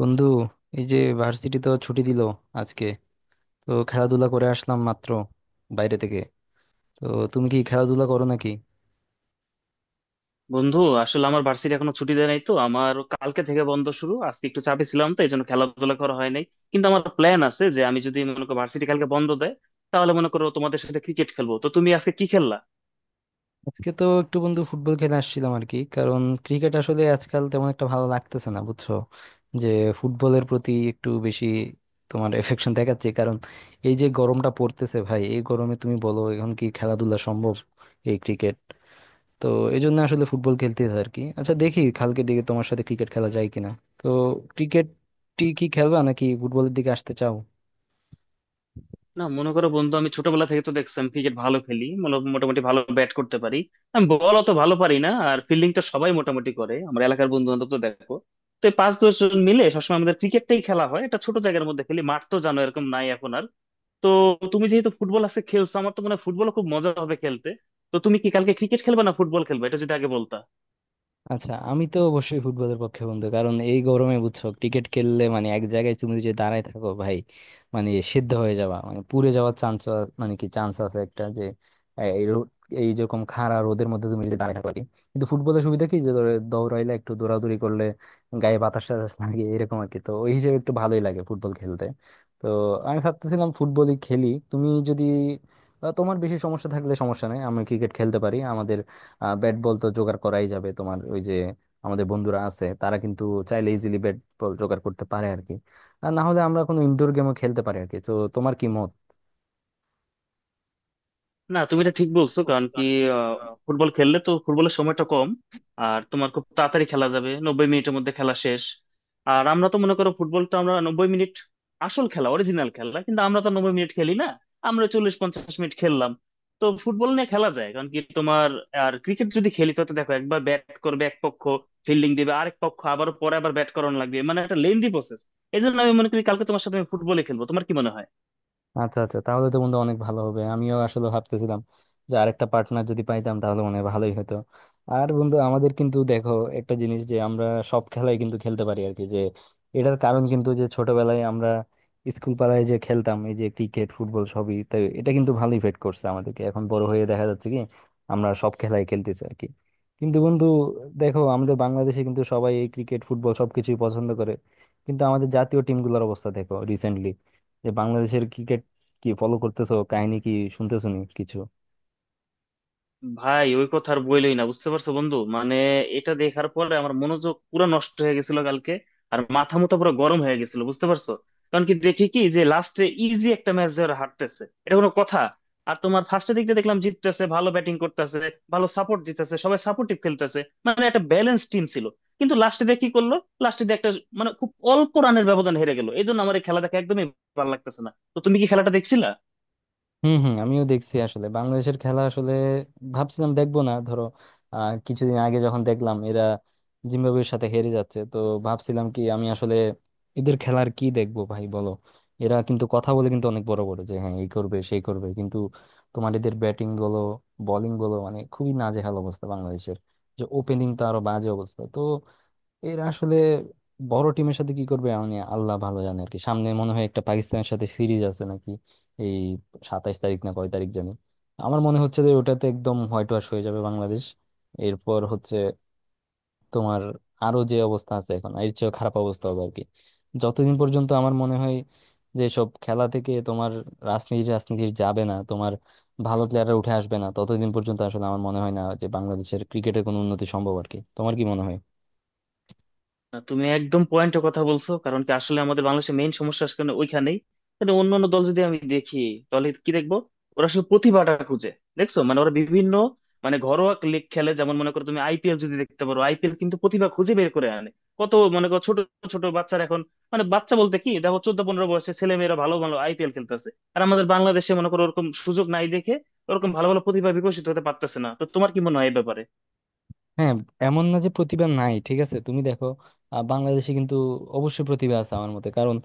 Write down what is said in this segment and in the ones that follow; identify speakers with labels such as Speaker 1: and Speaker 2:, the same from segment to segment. Speaker 1: বন্ধু, এই যে ভার্সিটি তো ছুটি দিল আজকে। তো খেলাধুলা করে আসলাম মাত্র বাইরে থেকে। তো তুমি কি খেলাধুলা করো নাকি?
Speaker 2: বন্ধু, আসলে আমার ভার্সিটি এখনো ছুটি দেয় নাই, তো আমার কালকে থেকে বন্ধ শুরু। আজকে একটু চাপে ছিলাম, তো এই জন্য খেলাধুলা করা হয় নাই। কিন্তু আমার প্ল্যান আছে যে আমি, যদি মনে করো ভার্সিটি কালকে বন্ধ দেয়, তাহলে মনে করো তোমাদের সাথে ক্রিকেট খেলবো। তো তুমি আজকে কি খেললা?
Speaker 1: আজকে তো একটু বন্ধু ফুটবল খেলে আসছিলাম আর কি। কারণ ক্রিকেট আসলে আজকাল তেমন একটা ভালো লাগতেছে না বুঝছো, যে ফুটবলের প্রতি একটু বেশি তোমার এফেকশন দেখাচ্ছে। কারণ এই যে গরমটা পড়তেছে ভাই, এই গরমে তুমি বলো এখন কি খেলাধুলা সম্ভব? এই ক্রিকেট, তো এই জন্য আসলে ফুটবল খেলতে হয় আর কি। আচ্ছা দেখি কালকের দিকে তোমার সাথে ক্রিকেট খেলা যায় কিনা। তো ক্রিকেট টি কি খেলবা নাকি ফুটবলের দিকে আসতে চাও?
Speaker 2: না, মনে করো বন্ধু, আমি ছোটবেলা থেকে তো দেখছি আমি ক্রিকেট ভালো খেলি, মোটামুটি ভালো ব্যাট করতে পারি। আমি বল অত ভালো পারি না, আর ফিল্ডিংটা সবাই মোটামুটি করে। আমার এলাকার বন্ধু বান্ধব তো দেখো, তো এই 5-10 জন মিলে সবসময় আমাদের ক্রিকেটটাই খেলা হয়। এটা ছোট জায়গার মধ্যে খেলি, মাঠ তো জানো এরকম নাই এখন আর। তো তুমি যেহেতু ফুটবল আজকে খেলছো, আমার তো মনে হয় ফুটবল খুব মজা হবে খেলতে। তো তুমি কি কালকে ক্রিকেট খেলবে না ফুটবল খেলবে, এটা যদি আগে বলতা।
Speaker 1: আচ্ছা আমি তো অবশ্যই ফুটবলের পক্ষে বন্ধু, কারণ এই গরমে বুঝছো ক্রিকেট খেললে মানে এক জায়গায় তুমি যদি দাঁড়ায় থাকো ভাই, মানে সিদ্ধ হয়ে যাওয়া মানে পুড়ে যাওয়ার চান্স, মানে কি চান্স আছে একটা যে এ- এই রো- এই যেরকম খাড়া রোদের মধ্যে তুমি যদি দাঁড়ায় থাকো আর কি। কিন্তু ফুটবলের সুবিধা কি, যে ধরো দৌড়াইলে একটু দৌড়াদৌড়ি করলে গায়ে বাতাস টাতাস লাগে এরকম আর কি। তো ওই হিসেবে একটু ভালোই লাগে ফুটবল খেলতে। তো আমি ভাবতেছিলাম ফুটবলই খেলি, তুমি যদি তোমার বেশি সমস্যা থাকলে সমস্যা নেই, আমি ক্রিকেট খেলতে পারি। আমাদের ব্যাট বল তো জোগাড় করাই যাবে, তোমার ওই যে আমাদের বন্ধুরা আছে তারা কিন্তু চাইলে ইজিলি ব্যাট বল জোগাড় করতে পারে আর কি। আর না হলে আমরা কোনো ইনডোর গেমও খেলতে পারি আর কি। তো তোমার কি মত?
Speaker 2: না, তুমি এটা ঠিক বলছো। কারণ কি, আহ, ফুটবল খেললে তো ফুটবলের সময়টা কম, আর তোমার খুব তাড়াতাড়ি খেলা যাবে। 90 মিনিটের মধ্যে খেলা শেষ। আর আমরা তো মনে করো ফুটবলটা, আমরা 90 মিনিট আসল খেলা, অরিজিনাল খেলা, কিন্তু আমরা তো 90 মিনিট খেলি না। আমরা 40-50 মিনিট খেললাম। তো ফুটবল নিয়ে খেলা যায়, কারণ কি তোমার। আর ক্রিকেট যদি খেলি, তো তো দেখো একবার ব্যাট করবে এক পক্ষ, ফিল্ডিং দিবে আরেক পক্ষ, আবার পরে আবার ব্যাট করানো লাগবে। মানে একটা লেন্দি প্রসেস। এই জন্য আমি মনে করি কালকে তোমার সাথে আমি ফুটবলে খেলবো। তোমার কি মনে হয়?
Speaker 1: আচ্ছা আচ্ছা, তাহলে তো বন্ধু অনেক ভালো হবে। আমিও আসলে ভাবতেছিলাম যে আরেকটা পার্টনার যদি পাইতাম তাহলে মনে হয় ভালোই হতো। আর বন্ধু, আমাদের কিন্তু দেখো একটা জিনিস, যে আমরা সব খেলাই কিন্তু খেলতে পারি আর কি। যে এটার কারণ কিন্তু, যে ছোটবেলায় আমরা স্কুল পাড়ায় যে খেলতাম এই যে ক্রিকেট ফুটবল সবই, তাই এটা কিন্তু ভালো ইফেক্ট করছে আমাদেরকে। এখন বড় হয়ে দেখা যাচ্ছে কি আমরা সব খেলাই খেলতেছি আর কি। কিন্তু বন্ধু দেখো, আমাদের বাংলাদেশে কিন্তু সবাই এই ক্রিকেট ফুটবল সবকিছুই পছন্দ করে, কিন্তু আমাদের জাতীয় টিমগুলোর অবস্থা দেখো রিসেন্টলি যে বাংলাদেশের, কি ফলো করতেছো, কাহিনী কি, শুনতেছো নি কিছু?
Speaker 2: ভাই, ওই কথা আর বইলই না। বুঝতে পারছো বন্ধু, মানে এটা দেখার পরে আমার মনোযোগ পুরো নষ্ট হয়ে গেছিল কালকে। আর মাথা মুথা পুরো গরম হয়ে গেছিল, বুঝতে পারছো। কারণ কি দেখি, কি যে লাস্টে ইজি একটা ম্যাচ ধরে হারতেছে, এটা কোনো কথা? আর তোমার ফার্স্টের দিকটা দেখলাম জিততেছে, ভালো ব্যাটিং করতেছে, ভালো সাপোর্ট জিতেছে, সবাই সাপোর্টিভ খেলতেছে। মানে একটা ব্যালেন্স টিম ছিল। কিন্তু লাস্টে দিয়ে কি করলো, লাস্টে দিয়ে একটা, মানে খুব অল্প রানের ব্যবধান হেরে গেল। এই জন্য আমার এই খেলা দেখা একদমই ভালো লাগতেছে না। তো তুমি কি খেলাটা দেখছিলা?
Speaker 1: হুম হুম, আমিও দেখছি আসলে বাংলাদেশের খেলা। আসলে ভাবছিলাম দেখবো না ধরো, কিছুদিন আগে যখন দেখলাম এরা জিম্বাবুয়ের সাথে হেরে যাচ্ছে, তো ভাবছিলাম কি আমি আসলে এদের খেলার কি দেখবো ভাই বলো। এরা কিন্তু কথা বলে কিন্তু অনেক বড় বড়, যে হ্যাঁ এই করবে সেই করবে, কিন্তু তোমার এদের ব্যাটিং বলো বোলিং বলো মানে খুবই নাজেহাল অবস্থা বাংলাদেশের। যে ওপেনিং তো আরো বাজে অবস্থা। তো এরা আসলে বড় টিমের সাথে কি করবে মানে আল্লাহ ভালো জানে আর কি। সামনে মনে হয় একটা পাকিস্তানের সাথে সিরিজ আছে নাকি, এই 27 তারিখ না কয় তারিখ জানি। আমার মনে হচ্ছে যে ওটাতে একদম হোয়াইট ওয়াশ হয়ে যাবে বাংলাদেশ। এরপর হচ্ছে তোমার আরো যে অবস্থা আছে এখন এর চেয়ে খারাপ অবস্থা হবে আর কি। যতদিন পর্যন্ত আমার মনে হয় যে সব খেলা থেকে তোমার রাজনীতি রাজনীতি যাবে না, তোমার ভালো প্লেয়াররা উঠে আসবে না, ততদিন পর্যন্ত আসলে আমার মনে হয় না যে বাংলাদেশের ক্রিকেটের কোনো উন্নতি সম্ভব আর কি। তোমার কি মনে হয়?
Speaker 2: না, তুমি একদম পয়েন্টের কথা বলছো। কারণ কি, আসলে আমাদের বাংলাদেশের মেইন সমস্যা আসলে ওইখানেই। মানে অন্য অন্য দল যদি আমি দেখি, তাহলে কি দেখবো? ওরা শুধু প্রতিভাটা খুঁজে দেখছো। মানে ওরা বিভিন্ন, মানে ঘরোয়া লিগ খেলে। যেমন মনে করো তুমি আইপিএল যদি দেখতে পারো, আইপিএল কিন্তু প্রতিভা খুঁজে বের করে আনে। কত মনে করো ছোট ছোট বাচ্চারা এখন, মানে বাচ্চা বলতে কি দেখো, 14-15 বয়সে ছেলে মেয়েরা ভালো ভালো আইপিএল খেলতেছে। আর আমাদের বাংলাদেশে মনে করো ওরকম সুযোগ নাই দেখে ওরকম ভালো ভালো প্রতিভা বিকশিত হতে পারতেছে না। তো তোমার কি মনে হয় এই ব্যাপারে?
Speaker 1: হ্যাঁ, এমন না যে প্রতিভা নাই, ঠিক আছে তুমি দেখো বাংলাদেশে কিন্তু অবশ্যই প্রতিভা আছে আমার মতে। কারণ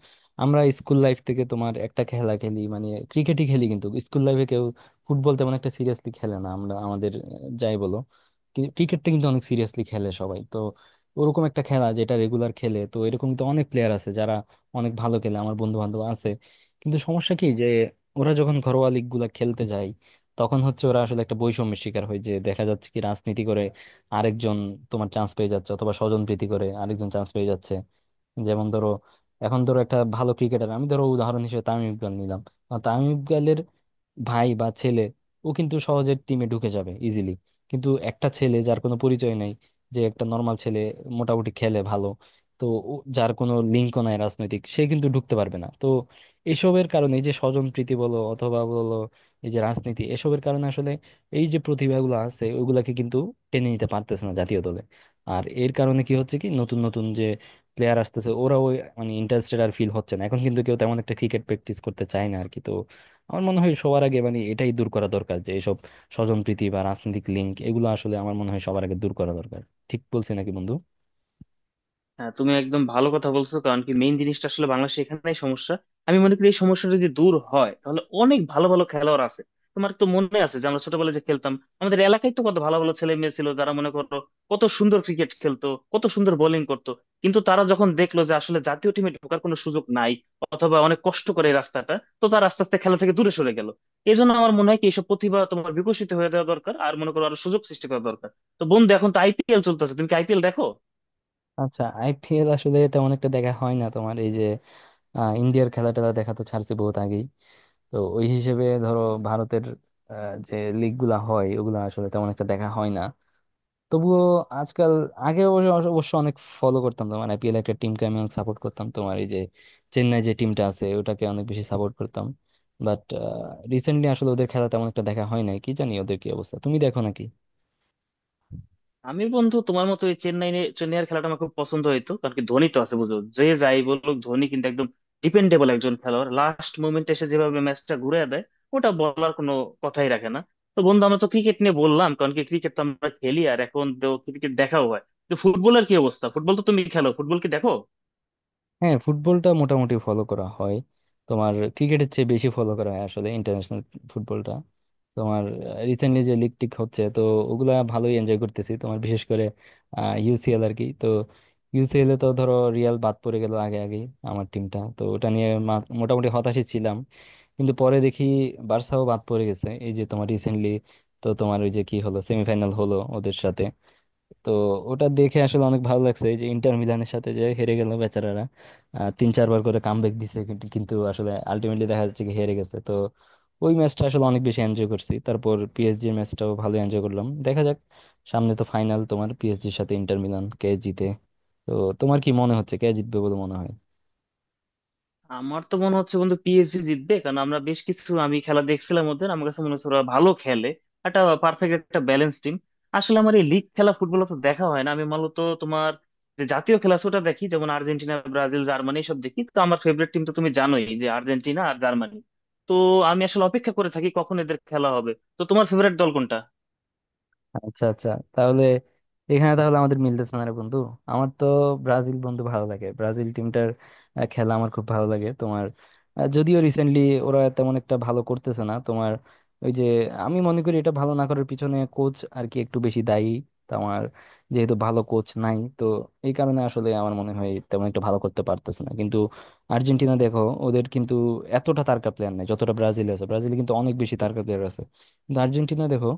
Speaker 1: আমরা স্কুল লাইফ থেকে তোমার একটা খেলা খেলি মানে ক্রিকেটই খেলি, কিন্তু স্কুল লাইফে কেউ ফুটবল তেমন একটা সিরিয়াসলি খেলে না। আমরা আমাদের যাই বলো ক্রিকেটটা কিন্তু অনেক সিরিয়াসলি খেলে সবাই। তো ওরকম একটা খেলা যেটা রেগুলার খেলে, তো এরকম তো অনেক প্লেয়ার আছে যারা অনেক ভালো খেলে, আমার বন্ধু বান্ধব আছে। কিন্তু সমস্যা কি, যে ওরা যখন ঘরোয়া লিগ গুলা খেলতে যায়, তখন হচ্ছে ওরা আসলে একটা বৈষম্যের শিকার হয়। যে দেখা যাচ্ছে কি রাজনীতি করে আরেকজন তোমার চান্স পেয়ে যাচ্ছে, অথবা স্বজন প্রীতি করে আরেকজন চান্স পেয়ে যাচ্ছে। যেমন ধরো এখন ধরো একটা ভালো ক্রিকেটার আমি ধরো উদাহরণ হিসেবে তামিম ইকবাল নিলাম। তামিম ইকবালের ভাই বা ছেলে, ও কিন্তু সহজে টিমে ঢুকে যাবে ইজিলি। কিন্তু একটা ছেলে যার কোনো পরিচয় নাই, যে একটা নর্মাল ছেলে মোটামুটি খেলে ভালো, তো যার কোনো লিঙ্কও নাই রাজনৈতিক, সে কিন্তু ঢুকতে পারবে না। তো এসবের কারণে, এই যে স্বজনপ্রীতি বলো অথবা বলো এই যে রাজনীতি, এসবের কারণে আসলে এই যে প্রতিভাগুলো আছে ওগুলাকে কিন্তু টেনে নিতে পারতেছে না জাতীয় দলে। আর এর কারণে কি হচ্ছে কি, নতুন নতুন যে প্লেয়ার আসতেছে ওরাও মানে ইন্টারেস্টেড আর ফিল হচ্ছে না। এখন কিন্তু কেউ তেমন একটা ক্রিকেট প্র্যাকটিস করতে চায় না আর কি। তো আমার মনে হয় সবার আগে মানে এটাই দূর করা দরকার, যে এইসব স্বজনপ্রীতি বা রাজনৈতিক লিঙ্ক, এগুলো আসলে আমার মনে হয় সবার আগে দূর করা দরকার। ঠিক বলছি নাকি বন্ধু?
Speaker 2: হ্যাঁ, তুমি একদম ভালো কথা বলছো। কারণ কি, মেইন জিনিসটা আসলে বাংলাদেশে এখানেই সমস্যা। আমি মনে করি এই সমস্যাটা যদি দূর হয়, তাহলে অনেক ভালো ভালো খেলোয়াড় আছে। তোমার তো মনে আছে যে আমরা ছোটবেলায় যে খেলতাম, আমাদের এলাকায় তো কত ভালো ভালো ছেলে মেয়ে ছিল, যারা মনে করো কত সুন্দর ক্রিকেট খেলতো, কত সুন্দর বোলিং করতো। কিন্তু তারা যখন দেখলো যে আসলে জাতীয় টিমে ঢোকার কোনো সুযোগ নাই, অথবা অনেক কষ্ট করে এই রাস্তাটা, তো তারা আস্তে আস্তে খেলা থেকে দূরে সরে গেল। এই জন্য আমার মনে হয় কি, এইসব প্রতিভা তোমার বিকশিত হয়ে দেওয়া দরকার, আর মনে করো আরো সুযোগ সৃষ্টি করা দরকার। তো বন্ধু, এখন তো আইপিএল চলতেছে, তুমি কি আইপিএল দেখো?
Speaker 1: আচ্ছা আইপিএল আসলে তেমন একটা দেখা হয় না। তোমার এই যে ইন্ডিয়ার খেলা টেলা দেখা তো ছাড়ছে বহুত আগেই। তো ওই হিসেবে ধরো ভারতের আহ, যে লিগ গুলা হয় ওগুলো আসলে তেমন একটা দেখা হয় না। তবুও আজকাল আগে অবশ্য অবশ্য অনেক ফলো করতাম। তোমার আইপিএল একটা টিমকে আমি অনেক সাপোর্ট করতাম, তোমার এই যে চেন্নাই যে টিমটা আছে ওটাকে অনেক বেশি সাপোর্ট করতাম। বাট রিসেন্টলি আসলে ওদের খেলা তেমন একটা দেখা হয় নাই। কি জানি ওদের কি অবস্থা, তুমি দেখো নাকি?
Speaker 2: আমি বন্ধু তোমার মতো এই চেন্নাইয়ের খেলাটা আমার খুব পছন্দ হইতো। কারণ কি, ধোনি তো আছে। বুঝো যে, যাই বলুক, ধোনি কিন্তু একদম ডিপেন্ডেবল একজন খেলোয়াড়। লাস্ট মোমেন্টে এসে যেভাবে ম্যাচটা ঘুরে দেয়, ওটা বলার কোনো কথাই রাখে না। তো বন্ধু, আমরা তো ক্রিকেট নিয়ে বললাম, কারণ কি ক্রিকেট তো আমরা খেলি, আর এখন ক্রিকেট দেখাও হয়। তো ফুটবলের কি অবস্থা? ফুটবল তো তুমি খেলো, ফুটবল কি দেখো?
Speaker 1: হ্যাঁ ফুটবলটা মোটামুটি ফলো করা হয়। তোমার ক্রিকেটের চেয়ে বেশি ফলো করা হয় আসলে ইন্টারন্যাশনাল ফুটবলটা। তোমার রিসেন্টলি যে লিগ টিক হচ্ছে, তো ওগুলা ভালোই এনজয় করতেছি। তোমার বিশেষ করে ইউসিএল আর কি। তো ইউসিএল এ তো ধরো রিয়াল বাদ পড়ে গেল আগে আগে। আমার টিমটা তো, ওটা নিয়ে মোটামুটি হতাশই ছিলাম। কিন্তু পরে দেখি বার্সাও বাদ পড়ে গেছে এই যে তোমার রিসেন্টলি। তো তোমার ওই যে কি হলো সেমিফাইনাল হলো ওদের সাথে। তো ওটা দেখে আসলে অনেক ভালো লাগছে, এই যে ইন্টার মিলানের সাথে যে হেরে গেল বেচারারা। 3-4 বার করে কামব্যাক দিছে কিন্তু, আসলে আলটিমেটলি দেখা যাচ্ছে কি হেরে গেছে। তো ওই ম্যাচটা আসলে অনেক বেশি এনজয় করছি। তারপর পিএসজি এর ম্যাচটাও ভালো এনজয় করলাম। দেখা যাক, সামনে তো ফাইনাল তোমার পিএসজির সাথে ইন্টার মিলান, কে জিতে। তো তোমার কি মনে হচ্ছে কে জিতবে বলে মনে হয়?
Speaker 2: আমার তো মনে হচ্ছে বন্ধু পিএসজি জিতবে। কারণ আমরা বেশ কিছু, আমি খেলা দেখছিলাম ওদের, আমার কাছে মনে হচ্ছে ওরা ভালো খেলে। একটা পারফেক্ট একটা ব্যালেন্স টিম। আসলে আমার এই লিগ খেলা ফুটবল তো দেখা হয় না। আমি মূলত তোমার যে জাতীয় খেলা আছে ওটা দেখি, যেমন আর্জেন্টিনা, ব্রাজিল, জার্মানি সব দেখি। তো আমার ফেভারিট টিম তো তুমি জানোই যে আর্জেন্টিনা আর জার্মানি। তো আমি আসলে অপেক্ষা করে থাকি কখন এদের খেলা হবে। তো তোমার ফেভারিট দল কোনটা?
Speaker 1: আচ্ছা আচ্ছা, তাহলে এখানে তাহলে আমাদের মিলতেছে না রে বন্ধু। আমার তো ব্রাজিল বন্ধু ভালো লাগে, ব্রাজিল টিমটার খেলা আমার খুব ভালো লাগে। তোমার যদিও রিসেন্টলি ওরা তেমন একটা ভালো করতেছে না। তোমার ওই যে আমি মনে করি এটা ভালো না করার পিছনে কোচ আর কি একটু বেশি দায়ী। তোমার যেহেতু ভালো কোচ নাই, তো এই কারণে আসলে আমার মনে হয় তেমন একটা ভালো করতে পারতেছে না। কিন্তু আর্জেন্টিনা দেখো, ওদের কিন্তু এতটা তারকা প্লেয়ার নাই যতটা ব্রাজিল আছে। ব্রাজিলে কিন্তু অনেক বেশি তারকা প্লেয়ার আছে। কিন্তু আর্জেন্টিনা দেখো,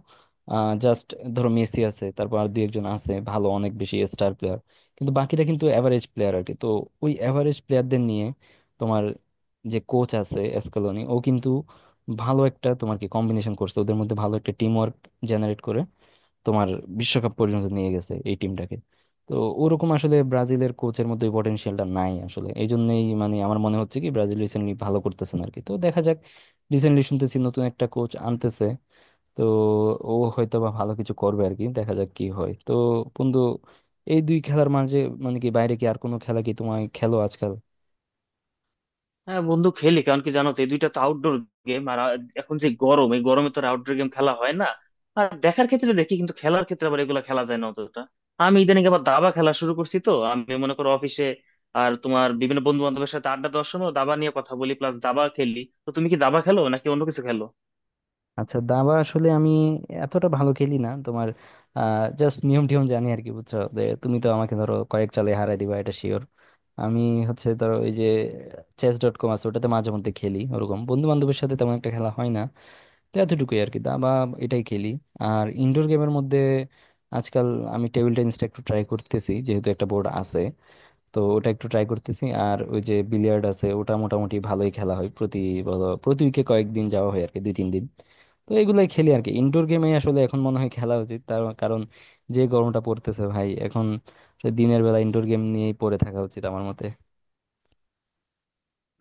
Speaker 1: জাস্ট ধরো মেসি আছে, তারপর আর দুই একজন আছে ভালো, অনেক বেশি স্টার প্লেয়ার। কিন্তু বাকিরা কিন্তু এভারেজ প্লেয়ার আর কি। তো ওই এভারেজ প্লেয়ারদের নিয়ে তোমার যে কোচ আছে এসকালোনি, ও কিন্তু ভালো একটা তোমার কি কম্বিনেশন করছে। ওদের মধ্যে ভালো একটা টিম ওয়ার্ক জেনারেট করে তোমার বিশ্বকাপ পর্যন্ত নিয়ে গেছে এই টিমটাকে। তো ওরকম আসলে ব্রাজিলের কোচের মধ্যে পটেনশিয়ালটা নাই আসলে, এই জন্যই মানে আমার মনে হচ্ছে কি ব্রাজিল রিসেন্টলি ভালো করতেছে না আর কি। তো দেখা যাক, রিসেন্টলি শুনতেছি নতুন একটা কোচ আনতেছে। তো ও হয়তো বা ভালো কিছু করবে আর কি, দেখা যাক কি হয়। তো বন্ধু, এই দুই খেলার মাঝে মানে কি বাইরে কি আর কোনো খেলা কি তোমায় খেলো আজকাল?
Speaker 2: হ্যাঁ বন্ধু, খেলি। কারণ কি, জানো তো এই দুইটা তো আউটডোর গেম, আর এখন যে গরম, এই গরমে তো আর আউটডোর গেম খেলা হয় না। আর দেখার ক্ষেত্রে দেখি, কিন্তু খেলার ক্ষেত্রে আবার এগুলো খেলা যায় না অতটা। আমি ইদানিং আবার দাবা খেলা শুরু করছি। তো আমি মনে করো অফিসে আর তোমার বিভিন্ন বন্ধু বান্ধবের সাথে আড্ডা দেওয়ার সময় দাবা নিয়ে কথা বলি, প্লাস দাবা খেলি। তো তুমি কি দাবা খেলো নাকি অন্য কিছু খেলো?
Speaker 1: আচ্ছা দাবা আসলে আমি এতটা ভালো খেলি না। তোমার জাস্ট নিয়ম টিয়ম জানি আর কি বুঝছো, যে তুমি তো আমাকে ধরো কয়েক চালে হারাই দিবা এটা শিওর। আমি হচ্ছে ধরো ওই যে চেস ডট কম আছে ওটাতে মাঝে মধ্যে খেলি। ওরকম বন্ধু বান্ধবের সাথে তেমন একটা খেলা হয় না। তো এতটুকুই আর কি দাবা, এটাই খেলি। আর ইনডোর গেমের মধ্যে আজকাল আমি টেবিল টেনিসটা একটু ট্রাই করতেছি যেহেতু একটা বোর্ড আছে, তো ওটা একটু ট্রাই করতেছি। আর ওই যে বিলিয়ার্ড আছে ওটা মোটামুটি ভালোই খেলা হয় প্রতি প্রতি উইকে কয়েকদিন যাওয়া হয় আর কি, 2-3 দিন। তো এগুলাই খেলি আর কি। ইনডোর গেমে আসলে এখন মনে হয় খেলা উচিত, তার কারণ যে গরমটা পড়তেছে ভাই এখন। দিনের বেলা ইনডোর গেম নিয়েই পড়ে থাকা উচিত আমার মতে।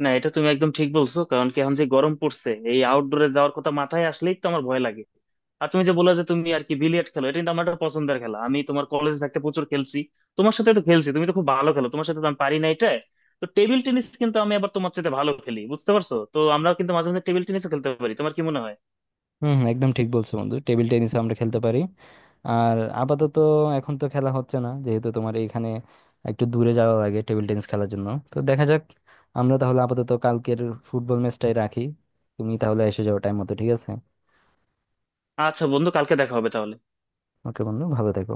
Speaker 2: না, এটা তুমি একদম ঠিক বলছো। কারণ কি, এখন যে গরম পড়ছে, এই আউটডোরে যাওয়ার কথা মাথায় আসলেই তো আমার ভয় লাগে। আর তুমি যে বললে যে তুমি আর কি বিলিয়ার্ড খেলো, এটা কিন্তু আমার একটা পছন্দের খেলা। আমি তোমার কলেজ থাকতে প্রচুর খেলছি, তোমার সাথে তো খেলছি। তুমি তো খুব ভালো খেলো, তোমার সাথে তো আমি পারি না এটা। তো টেবিল টেনিস কিন্তু আমি আবার তোমার সাথে ভালো খেলি, বুঝতে পারছো। তো আমরা কিন্তু মাঝে মাঝে টেবিল টেনিসও খেলতে পারি। তোমার কি মনে হয়?
Speaker 1: হুম হুম, একদম ঠিক বলছো বন্ধু, টেবিল টেনিস আমরা খেলতে পারি। আর আপাতত এখন তো খেলা হচ্ছে না যেহেতু তোমার এইখানে একটু দূরে যাওয়া লাগে টেবিল টেনিস খেলার জন্য। তো দেখা যাক, আমরা তাহলে আপাতত কালকের ফুটবল ম্যাচটাই রাখি। তুমি তাহলে এসে যাও টাইম মতো, ঠিক আছে?
Speaker 2: আচ্ছা বন্ধু, কালকে দেখা হবে তাহলে।
Speaker 1: ওকে বন্ধু, ভালো থেকো।